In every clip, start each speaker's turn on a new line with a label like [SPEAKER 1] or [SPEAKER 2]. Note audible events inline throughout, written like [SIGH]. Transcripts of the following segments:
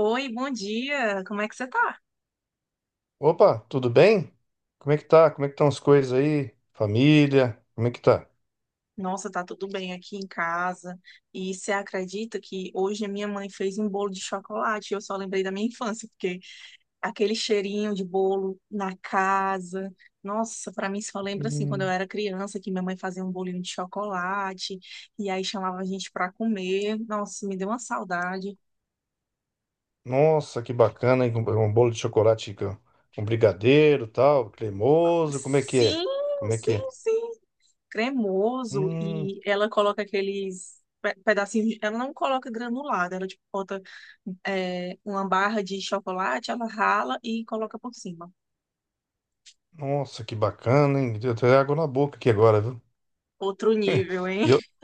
[SPEAKER 1] Oi, bom dia. Como é que você tá?
[SPEAKER 2] Opa, tudo bem? Como é que tá? Como é que estão as coisas aí? Família, como é que tá?
[SPEAKER 1] Nossa, tá tudo bem aqui em casa. E você acredita que hoje a minha mãe fez um bolo de chocolate? Eu só lembrei da minha infância, porque aquele cheirinho de bolo na casa. Nossa, pra mim só lembra assim quando eu
[SPEAKER 2] Hum.
[SPEAKER 1] era criança que minha mãe fazia um bolinho de chocolate e aí chamava a gente pra comer. Nossa, me deu uma saudade.
[SPEAKER 2] Nossa, que bacana, hein? Com Um bolo de chocolate com brigadeiro, tal, cremoso, como é que
[SPEAKER 1] Sim,
[SPEAKER 2] é? Como é que
[SPEAKER 1] sim,
[SPEAKER 2] é?
[SPEAKER 1] sim. Cremoso
[SPEAKER 2] Hum,
[SPEAKER 1] e ela coloca aqueles pedacinhos. Ela não coloca granulado, ela tipo bota uma barra de chocolate, ela rala e coloca por cima.
[SPEAKER 2] nossa, que bacana, hein? Deu até água na boca aqui agora, viu?
[SPEAKER 1] Outro nível, hein?
[SPEAKER 2] E eu,
[SPEAKER 1] [LAUGHS]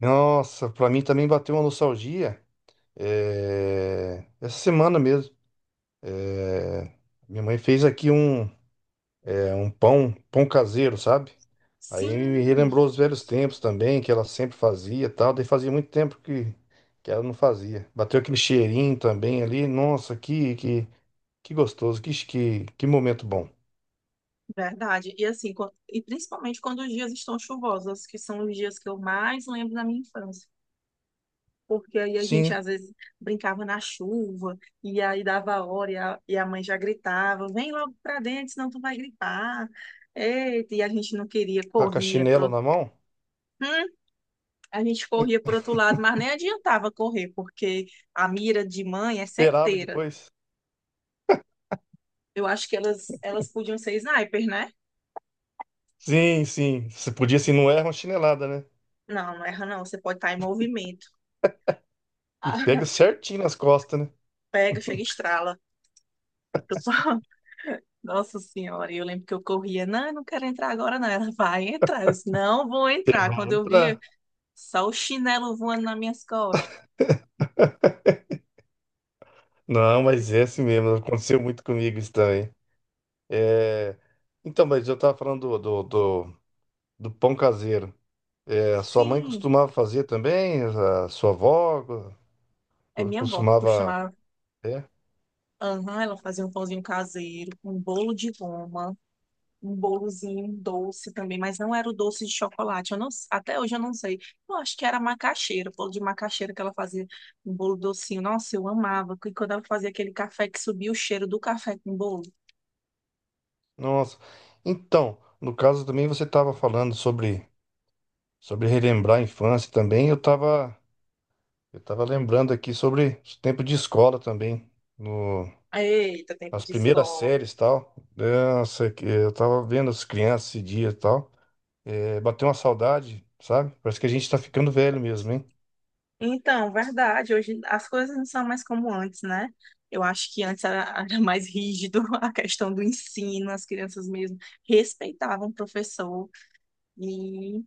[SPEAKER 2] nossa, pra mim também bateu uma nostalgia, essa semana mesmo. É, minha mãe fez aqui um é um pão caseiro, sabe? Aí me
[SPEAKER 1] Sim,
[SPEAKER 2] relembrou os velhos tempos também, que ela sempre fazia e tal. Daí fazia muito tempo que ela não fazia. Bateu aquele cheirinho também ali. Nossa, que gostoso, que momento bom.
[SPEAKER 1] verdade. E assim, e principalmente quando os dias estão chuvosos, que são os dias que eu mais lembro da minha infância, porque aí a gente às
[SPEAKER 2] Sim,
[SPEAKER 1] vezes brincava na chuva, e aí dava a hora, e a mãe já gritava, vem logo pra dentro, senão tu vai gripar. Eita, e a gente não queria,
[SPEAKER 2] a com a
[SPEAKER 1] corria
[SPEAKER 2] chinela
[SPEAKER 1] pro...
[SPEAKER 2] na mão,
[SPEAKER 1] Hum, a gente corria pro outro lado, mas nem adiantava correr, porque a mira de mãe é
[SPEAKER 2] esperava
[SPEAKER 1] certeira.
[SPEAKER 2] depois.
[SPEAKER 1] Eu acho que elas podiam ser snipers, né?
[SPEAKER 2] Sim, sim. Você podia, assim, não erra uma chinelada, né?
[SPEAKER 1] Não, não erra não, você pode estar em movimento.
[SPEAKER 2] E pega
[SPEAKER 1] [LAUGHS]
[SPEAKER 2] certinho nas costas, né?
[SPEAKER 1] Pega, chega e estrala. Nossa Senhora, e eu lembro que eu corria, não, eu não quero entrar agora, não. Ela vai entrar. Eu disse, não vou
[SPEAKER 2] Você
[SPEAKER 1] entrar.
[SPEAKER 2] vai
[SPEAKER 1] Quando eu vi,
[SPEAKER 2] entrar.
[SPEAKER 1] só o chinelo voando nas minhas costas.
[SPEAKER 2] Não,
[SPEAKER 1] Eu
[SPEAKER 2] mas
[SPEAKER 1] disse,
[SPEAKER 2] é assim mesmo. Aconteceu muito comigo isso também. É... Então, mas eu tava falando do do- pão caseiro. É, a sua mãe
[SPEAKER 1] sim,
[SPEAKER 2] costumava fazer também, a sua avó
[SPEAKER 1] é minha avó que
[SPEAKER 2] costumava.
[SPEAKER 1] costumava.
[SPEAKER 2] É?
[SPEAKER 1] Aham, ela fazia um pãozinho caseiro, um bolo de goma, um bolozinho doce também, mas não era o doce de chocolate. Eu não, até hoje eu não sei. Eu acho que era macaxeira, bolo de macaxeira que ela fazia, um bolo docinho. Nossa, eu amava. E quando ela fazia aquele café que subia o cheiro do café com bolo.
[SPEAKER 2] Nossa. Então, no caso também você estava falando sobre relembrar a infância também. Eu estava lembrando aqui sobre o tempo de escola também, no,
[SPEAKER 1] Eita, tempo
[SPEAKER 2] nas
[SPEAKER 1] de
[SPEAKER 2] primeiras
[SPEAKER 1] escola.
[SPEAKER 2] séries e tal. Nossa, que eu estava vendo as crianças esse dia e tal. É, bateu uma saudade, sabe? Parece que a gente está ficando velho mesmo, hein?
[SPEAKER 1] Então, verdade, hoje as coisas não são mais como antes, né? Eu acho que antes era, [LAUGHS] era mais rígido [LAUGHS] a questão do ensino, as crianças mesmo respeitavam o professor e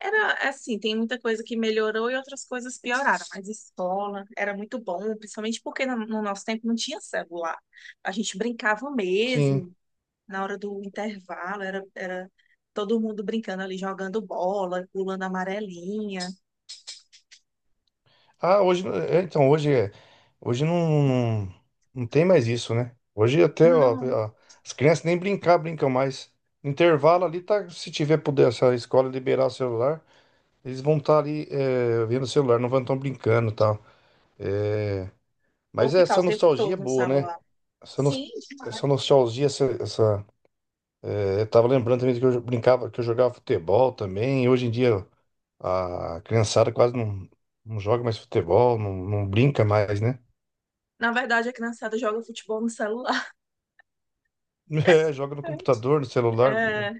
[SPEAKER 1] era assim, tem muita coisa que melhorou e outras coisas pioraram, mas escola era muito bom, principalmente porque no nosso tempo não tinha celular. A gente brincava
[SPEAKER 2] Sim.
[SPEAKER 1] mesmo na hora do intervalo, era todo mundo brincando ali, jogando bola, pulando amarelinha.
[SPEAKER 2] Ah, hoje, é, então, hoje, é- hoje não, não, não tem mais isso, né? Hoje até,
[SPEAKER 1] Não,
[SPEAKER 2] ó, as crianças nem brincar brincam mais. Intervalo ali, tá, se tiver puder, se a escola liberar o celular, eles vão estar ali vendo o celular, não vão estar brincando e tal. É,
[SPEAKER 1] vou
[SPEAKER 2] mas é,
[SPEAKER 1] ficar
[SPEAKER 2] essa
[SPEAKER 1] o tempo
[SPEAKER 2] nostalgia é
[SPEAKER 1] todo no
[SPEAKER 2] boa, né?
[SPEAKER 1] celular.
[SPEAKER 2] Essa, nos-
[SPEAKER 1] Sim,
[SPEAKER 2] essa nostalgia, essa, é, eu tava lembrando também que eu brincava, que eu jogava futebol também, e hoje em dia a criançada quase não joga mais futebol, não brinca mais, né?
[SPEAKER 1] na verdade a criançada joga futebol no celular,
[SPEAKER 2] É, joga no
[SPEAKER 1] [LAUGHS]
[SPEAKER 2] computador, no celular, no
[SPEAKER 1] é,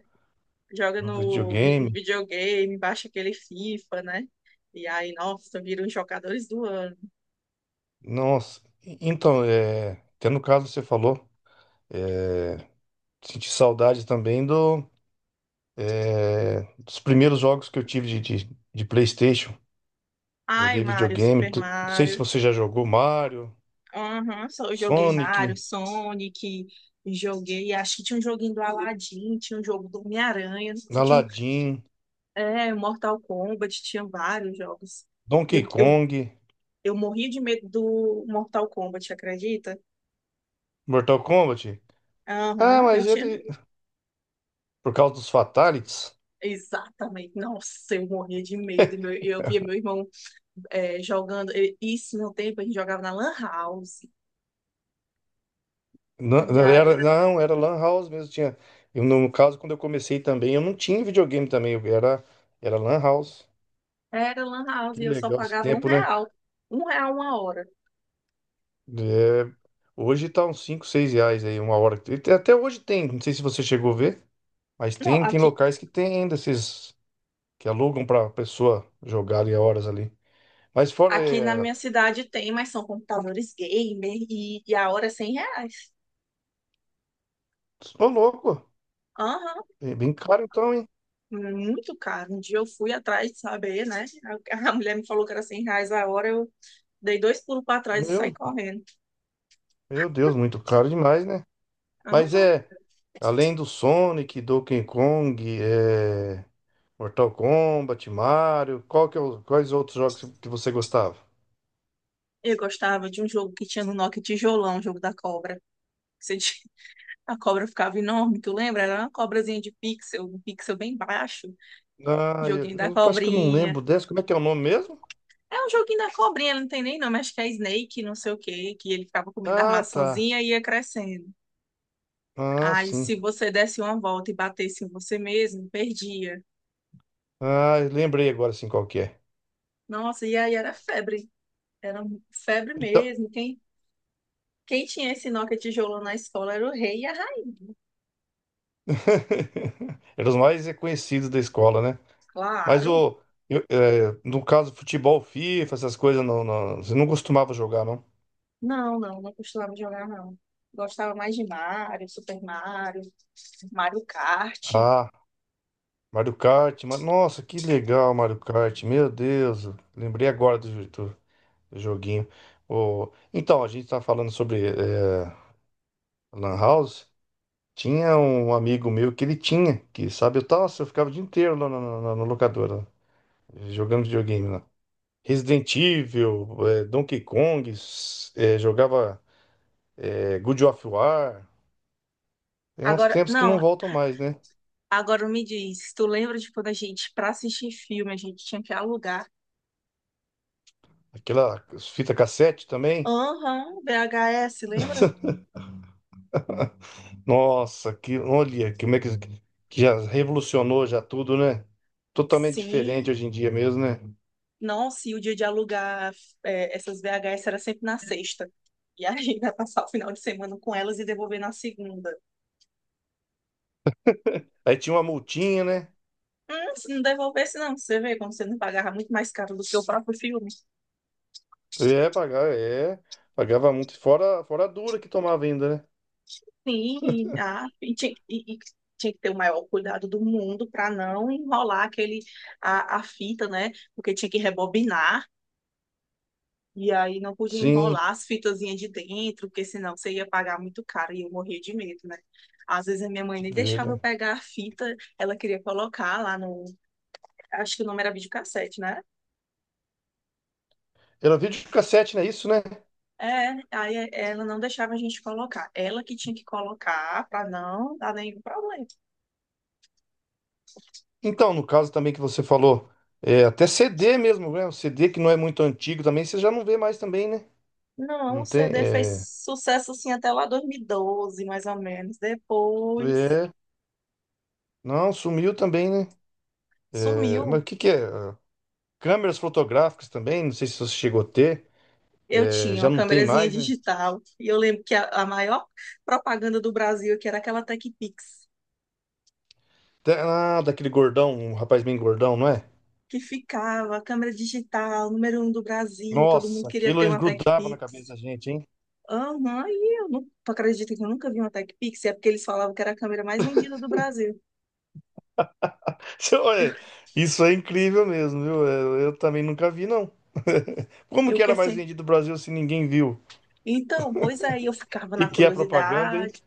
[SPEAKER 1] joga
[SPEAKER 2] no
[SPEAKER 1] no
[SPEAKER 2] videogame.
[SPEAKER 1] videogame, baixa aquele FIFA, né? E aí, nossa, viram os jogadores do ano.
[SPEAKER 2] Nossa. Então, é, até no caso que você falou, é, senti saudade também dos primeiros jogos que eu tive de PlayStation.
[SPEAKER 1] Ai,
[SPEAKER 2] Joguei
[SPEAKER 1] Mario,
[SPEAKER 2] videogame.
[SPEAKER 1] Super
[SPEAKER 2] Não sei se
[SPEAKER 1] Mario.
[SPEAKER 2] você já jogou Mario,
[SPEAKER 1] Aham, só eu joguei
[SPEAKER 2] Sonic,
[SPEAKER 1] Mario, Sonic, joguei. Acho que tinha um joguinho do Aladdin, tinha um jogo do Homem-Aranha, não sei se tinha um,
[SPEAKER 2] Aladdin,
[SPEAKER 1] é, Mortal Kombat, tinha vários jogos. E
[SPEAKER 2] Donkey
[SPEAKER 1] Eu, eu,
[SPEAKER 2] Kong,
[SPEAKER 1] eu morri de medo do Mortal Kombat, acredita?
[SPEAKER 2] Mortal Kombat. Ah,
[SPEAKER 1] Aham, eu
[SPEAKER 2] mas
[SPEAKER 1] tinha.
[SPEAKER 2] ele. Por causa dos Fatalities.
[SPEAKER 1] Exatamente. Nossa, eu morria de medo.
[SPEAKER 2] [LAUGHS]
[SPEAKER 1] Eu via meu irmão é, jogando. Isso no tempo a gente jogava na Lan House.
[SPEAKER 2] Não,
[SPEAKER 1] E aí
[SPEAKER 2] não, era Lan House mesmo. Tinha, eu, no caso, quando eu comecei também, eu não tinha videogame também. Era Lan House.
[SPEAKER 1] era Lan House
[SPEAKER 2] Que
[SPEAKER 1] e eu só
[SPEAKER 2] legal esse
[SPEAKER 1] pagava um
[SPEAKER 2] tempo, né?
[SPEAKER 1] real. Um real uma hora.
[SPEAKER 2] É, hoje tá uns 5 6 reais aí, uma hora. Até hoje tem, não sei se você chegou a ver, mas
[SPEAKER 1] Não,
[SPEAKER 2] tem, tem
[SPEAKER 1] aqui,
[SPEAKER 2] locais que tem ainda esses que alugam pra pessoa jogar ali horas ali. Mas fora,
[SPEAKER 1] aqui na minha cidade tem, mas são computadores gamer e a hora é R$ 100.
[SPEAKER 2] tô louco,
[SPEAKER 1] Aham,
[SPEAKER 2] é bem caro então, hein?
[SPEAKER 1] muito caro. Um dia eu fui atrás de saber, né? A mulher me falou que era 100 reais a hora, eu dei dois pulos para trás e saí
[SPEAKER 2] Meu,
[SPEAKER 1] correndo.
[SPEAKER 2] meu Deus, muito caro demais, né? Mas
[SPEAKER 1] Aham.
[SPEAKER 2] é, além do Sonic, Donkey Kong, é, Mortal Kombat, Mario, qual que é o- quais outros jogos que você gostava?
[SPEAKER 1] Eu gostava de um jogo que tinha no Nokia Tijolão, o jogo da cobra. Você [LAUGHS] a cobra ficava enorme, tu lembra? Era uma cobrazinha de pixel, um pixel bem baixo.
[SPEAKER 2] Ah, eu,
[SPEAKER 1] Joguinho da
[SPEAKER 2] eu acho que eu não
[SPEAKER 1] cobrinha.
[SPEAKER 2] lembro dessa. Como é que é o nome mesmo?
[SPEAKER 1] É um joguinho da cobrinha, não tem nem nome, acho que é Snake, não sei o quê, que ele ficava comendo a
[SPEAKER 2] Ah, tá.
[SPEAKER 1] maçãzinha e ia crescendo.
[SPEAKER 2] Ah,
[SPEAKER 1] Aí,
[SPEAKER 2] sim.
[SPEAKER 1] se você desse uma volta e batesse em você mesmo, perdia.
[SPEAKER 2] Ah, eu lembrei agora sim qual que é.
[SPEAKER 1] Nossa, e aí era febre. Febre
[SPEAKER 2] Então,
[SPEAKER 1] mesmo. Quem tinha esse Nokia tijolão na escola era o rei e a rainha.
[SPEAKER 2] [LAUGHS] eram os mais reconhecidos da escola, né? Mas
[SPEAKER 1] Claro.
[SPEAKER 2] o, é, no caso, futebol, FIFA, essas coisas, não, você não costumava jogar, não?
[SPEAKER 1] Não, não, não costumava jogar, não. Gostava mais de Mario, Super Mario, Mario Kart.
[SPEAKER 2] Ah. Mario Kart, nossa, que legal, Mario Kart, meu Deus, lembrei agora do do joguinho. Ô, então, a gente tá falando sobre Lan House, tinha um amigo meu que ele tinha, que sabe, eu ficava o dia inteiro lá na na locadora, jogando videogame lá. Resident Evil, Donkey Kong, jogava God of War, tem uns
[SPEAKER 1] Agora,
[SPEAKER 2] tempos que não
[SPEAKER 1] não,
[SPEAKER 2] voltam mais, né?
[SPEAKER 1] agora me diz, tu lembra de quando a gente, pra assistir filme, a gente tinha que alugar?
[SPEAKER 2] Aquela fita cassete também.
[SPEAKER 1] Aham, VHS, lembra?
[SPEAKER 2] Nossa, que olha, como é que já revolucionou já tudo, né? Totalmente diferente
[SPEAKER 1] Sim.
[SPEAKER 2] hoje em dia mesmo, né?
[SPEAKER 1] Nossa, e o dia de alugar é, essas VHS era sempre na sexta. E a gente [LAUGHS] ia passar o final de semana com elas e devolver na segunda.
[SPEAKER 2] Aí tinha uma multinha, né?
[SPEAKER 1] Se não devolvesse, não, você vê como você não pagava muito mais caro do que o próprio filme.
[SPEAKER 2] É, pagar, é, pagava muito, fora a dura que tomava ainda, né?
[SPEAKER 1] Sim, ah, e, tinha, e tinha que ter o maior cuidado do mundo para não enrolar aquele, a fita, né? Porque tinha que rebobinar, e aí não podia
[SPEAKER 2] Sim,
[SPEAKER 1] enrolar as fitazinhas de dentro, porque senão você ia pagar muito caro e eu morria de medo, né? Às vezes a minha mãe nem deixava eu
[SPEAKER 2] verdade.
[SPEAKER 1] pegar a fita, ela queria colocar lá no. Acho que o nome era videocassete, né?
[SPEAKER 2] Era videocassete, não é isso, né?
[SPEAKER 1] É, aí ela não deixava a gente colocar. Ela que tinha que colocar para não dar nenhum problema.
[SPEAKER 2] Então, no caso também que você falou, é, até CD mesmo, né? O CD que não é muito antigo também, você já não vê mais também, né?
[SPEAKER 1] Não,
[SPEAKER 2] Não
[SPEAKER 1] o
[SPEAKER 2] tem,
[SPEAKER 1] CD fez
[SPEAKER 2] é,
[SPEAKER 1] sucesso assim até lá 2012, mais ou menos. Depois
[SPEAKER 2] é, não, sumiu também, né? É, mas
[SPEAKER 1] sumiu.
[SPEAKER 2] o que que é? Câmeras fotográficas também, não sei se você chegou a ter.
[SPEAKER 1] Eu tinha
[SPEAKER 2] Já
[SPEAKER 1] uma
[SPEAKER 2] não tem
[SPEAKER 1] câmerazinha
[SPEAKER 2] mais, né?
[SPEAKER 1] digital e eu lembro que a maior propaganda do Brasil que era aquela Techpix
[SPEAKER 2] Ah, daquele gordão, um rapaz bem gordão, não é?
[SPEAKER 1] que ficava a câmera digital, número 1 do Brasil, e todo mundo
[SPEAKER 2] Nossa,
[SPEAKER 1] queria
[SPEAKER 2] aquilo
[SPEAKER 1] ter
[SPEAKER 2] eles
[SPEAKER 1] uma Techpix.
[SPEAKER 2] na cabeça
[SPEAKER 1] Pix.
[SPEAKER 2] da gente, hein?
[SPEAKER 1] Aham, e eu não tu acredita que eu nunca vi uma Techpix. É porque eles falavam que era a câmera mais vendida do Brasil.
[SPEAKER 2] [LAUGHS] Olha,
[SPEAKER 1] [LAUGHS]
[SPEAKER 2] isso é incrível mesmo, viu? Eu também nunca vi, não. [LAUGHS] Como
[SPEAKER 1] Eu
[SPEAKER 2] que
[SPEAKER 1] que
[SPEAKER 2] era mais
[SPEAKER 1] sei.
[SPEAKER 2] vendido no Brasil se ninguém viu?
[SPEAKER 1] Então, pois aí eu ficava
[SPEAKER 2] E
[SPEAKER 1] na
[SPEAKER 2] que é propaganda, hein?
[SPEAKER 1] curiosidade,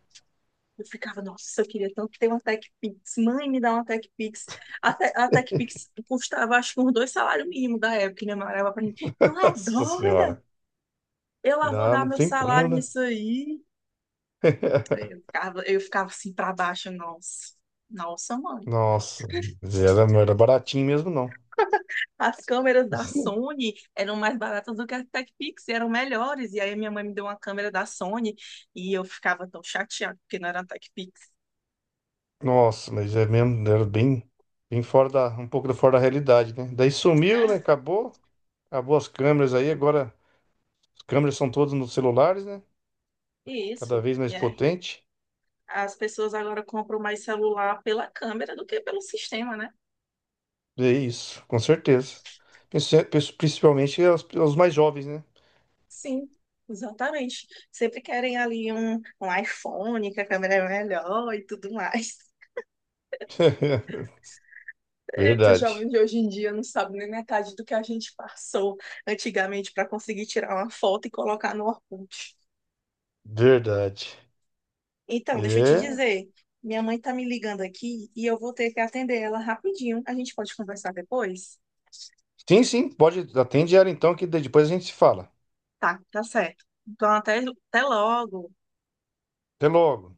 [SPEAKER 1] eu ficava, nossa, eu queria tanto ter uma TechPix. Mãe, me dá uma TechPix. A TechPix custava, acho que, uns dois salários mínimos da época. E minha mãe olhava pra mim, tu
[SPEAKER 2] [LAUGHS]
[SPEAKER 1] é
[SPEAKER 2] Nossa
[SPEAKER 1] doida?
[SPEAKER 2] senhora.
[SPEAKER 1] Eu lá vou
[SPEAKER 2] Não,
[SPEAKER 1] dar
[SPEAKER 2] não
[SPEAKER 1] meu
[SPEAKER 2] tem como,
[SPEAKER 1] salário
[SPEAKER 2] né?
[SPEAKER 1] nisso aí.
[SPEAKER 2] [LAUGHS]
[SPEAKER 1] Eu ficava assim pra baixo, nossa. Nossa, mãe.
[SPEAKER 2] Nossa, mas era, não era baratinho mesmo, não.
[SPEAKER 1] As câmeras da Sony eram mais baratas do que a TechPix, e eram melhores. E aí minha mãe me deu uma câmera da Sony e eu ficava tão chateada porque não era a TechPix.
[SPEAKER 2] Nossa, mas é mesmo, era bem, bem fora da, fora da realidade, né? Daí sumiu,
[SPEAKER 1] Ah,
[SPEAKER 2] né? Acabou, acabou as câmeras aí, agora as câmeras são todas nos celulares, né?
[SPEAKER 1] e
[SPEAKER 2] Cada
[SPEAKER 1] isso.
[SPEAKER 2] vez mais potente.
[SPEAKER 1] As pessoas agora compram mais celular pela câmera do que pelo sistema, né?
[SPEAKER 2] É isso, com certeza. Princi- Principalmente os mais jovens, né?
[SPEAKER 1] Sim, exatamente. Sempre querem ali um iPhone, que a câmera é melhor e tudo mais.
[SPEAKER 2] [LAUGHS]
[SPEAKER 1] Eita, jovem
[SPEAKER 2] Verdade,
[SPEAKER 1] de hoje em dia não sabe nem metade do que a gente passou antigamente para conseguir tirar uma foto e colocar no Orkut.
[SPEAKER 2] verdade.
[SPEAKER 1] Então, deixa eu te
[SPEAKER 2] É.
[SPEAKER 1] dizer, minha mãe tá me ligando aqui e eu vou ter que atender ela rapidinho. A gente pode conversar depois?
[SPEAKER 2] Sim, sim, pode, atende ela então, que daí depois a gente se fala.
[SPEAKER 1] Tá, tá certo. Então, até, até logo.
[SPEAKER 2] Até logo.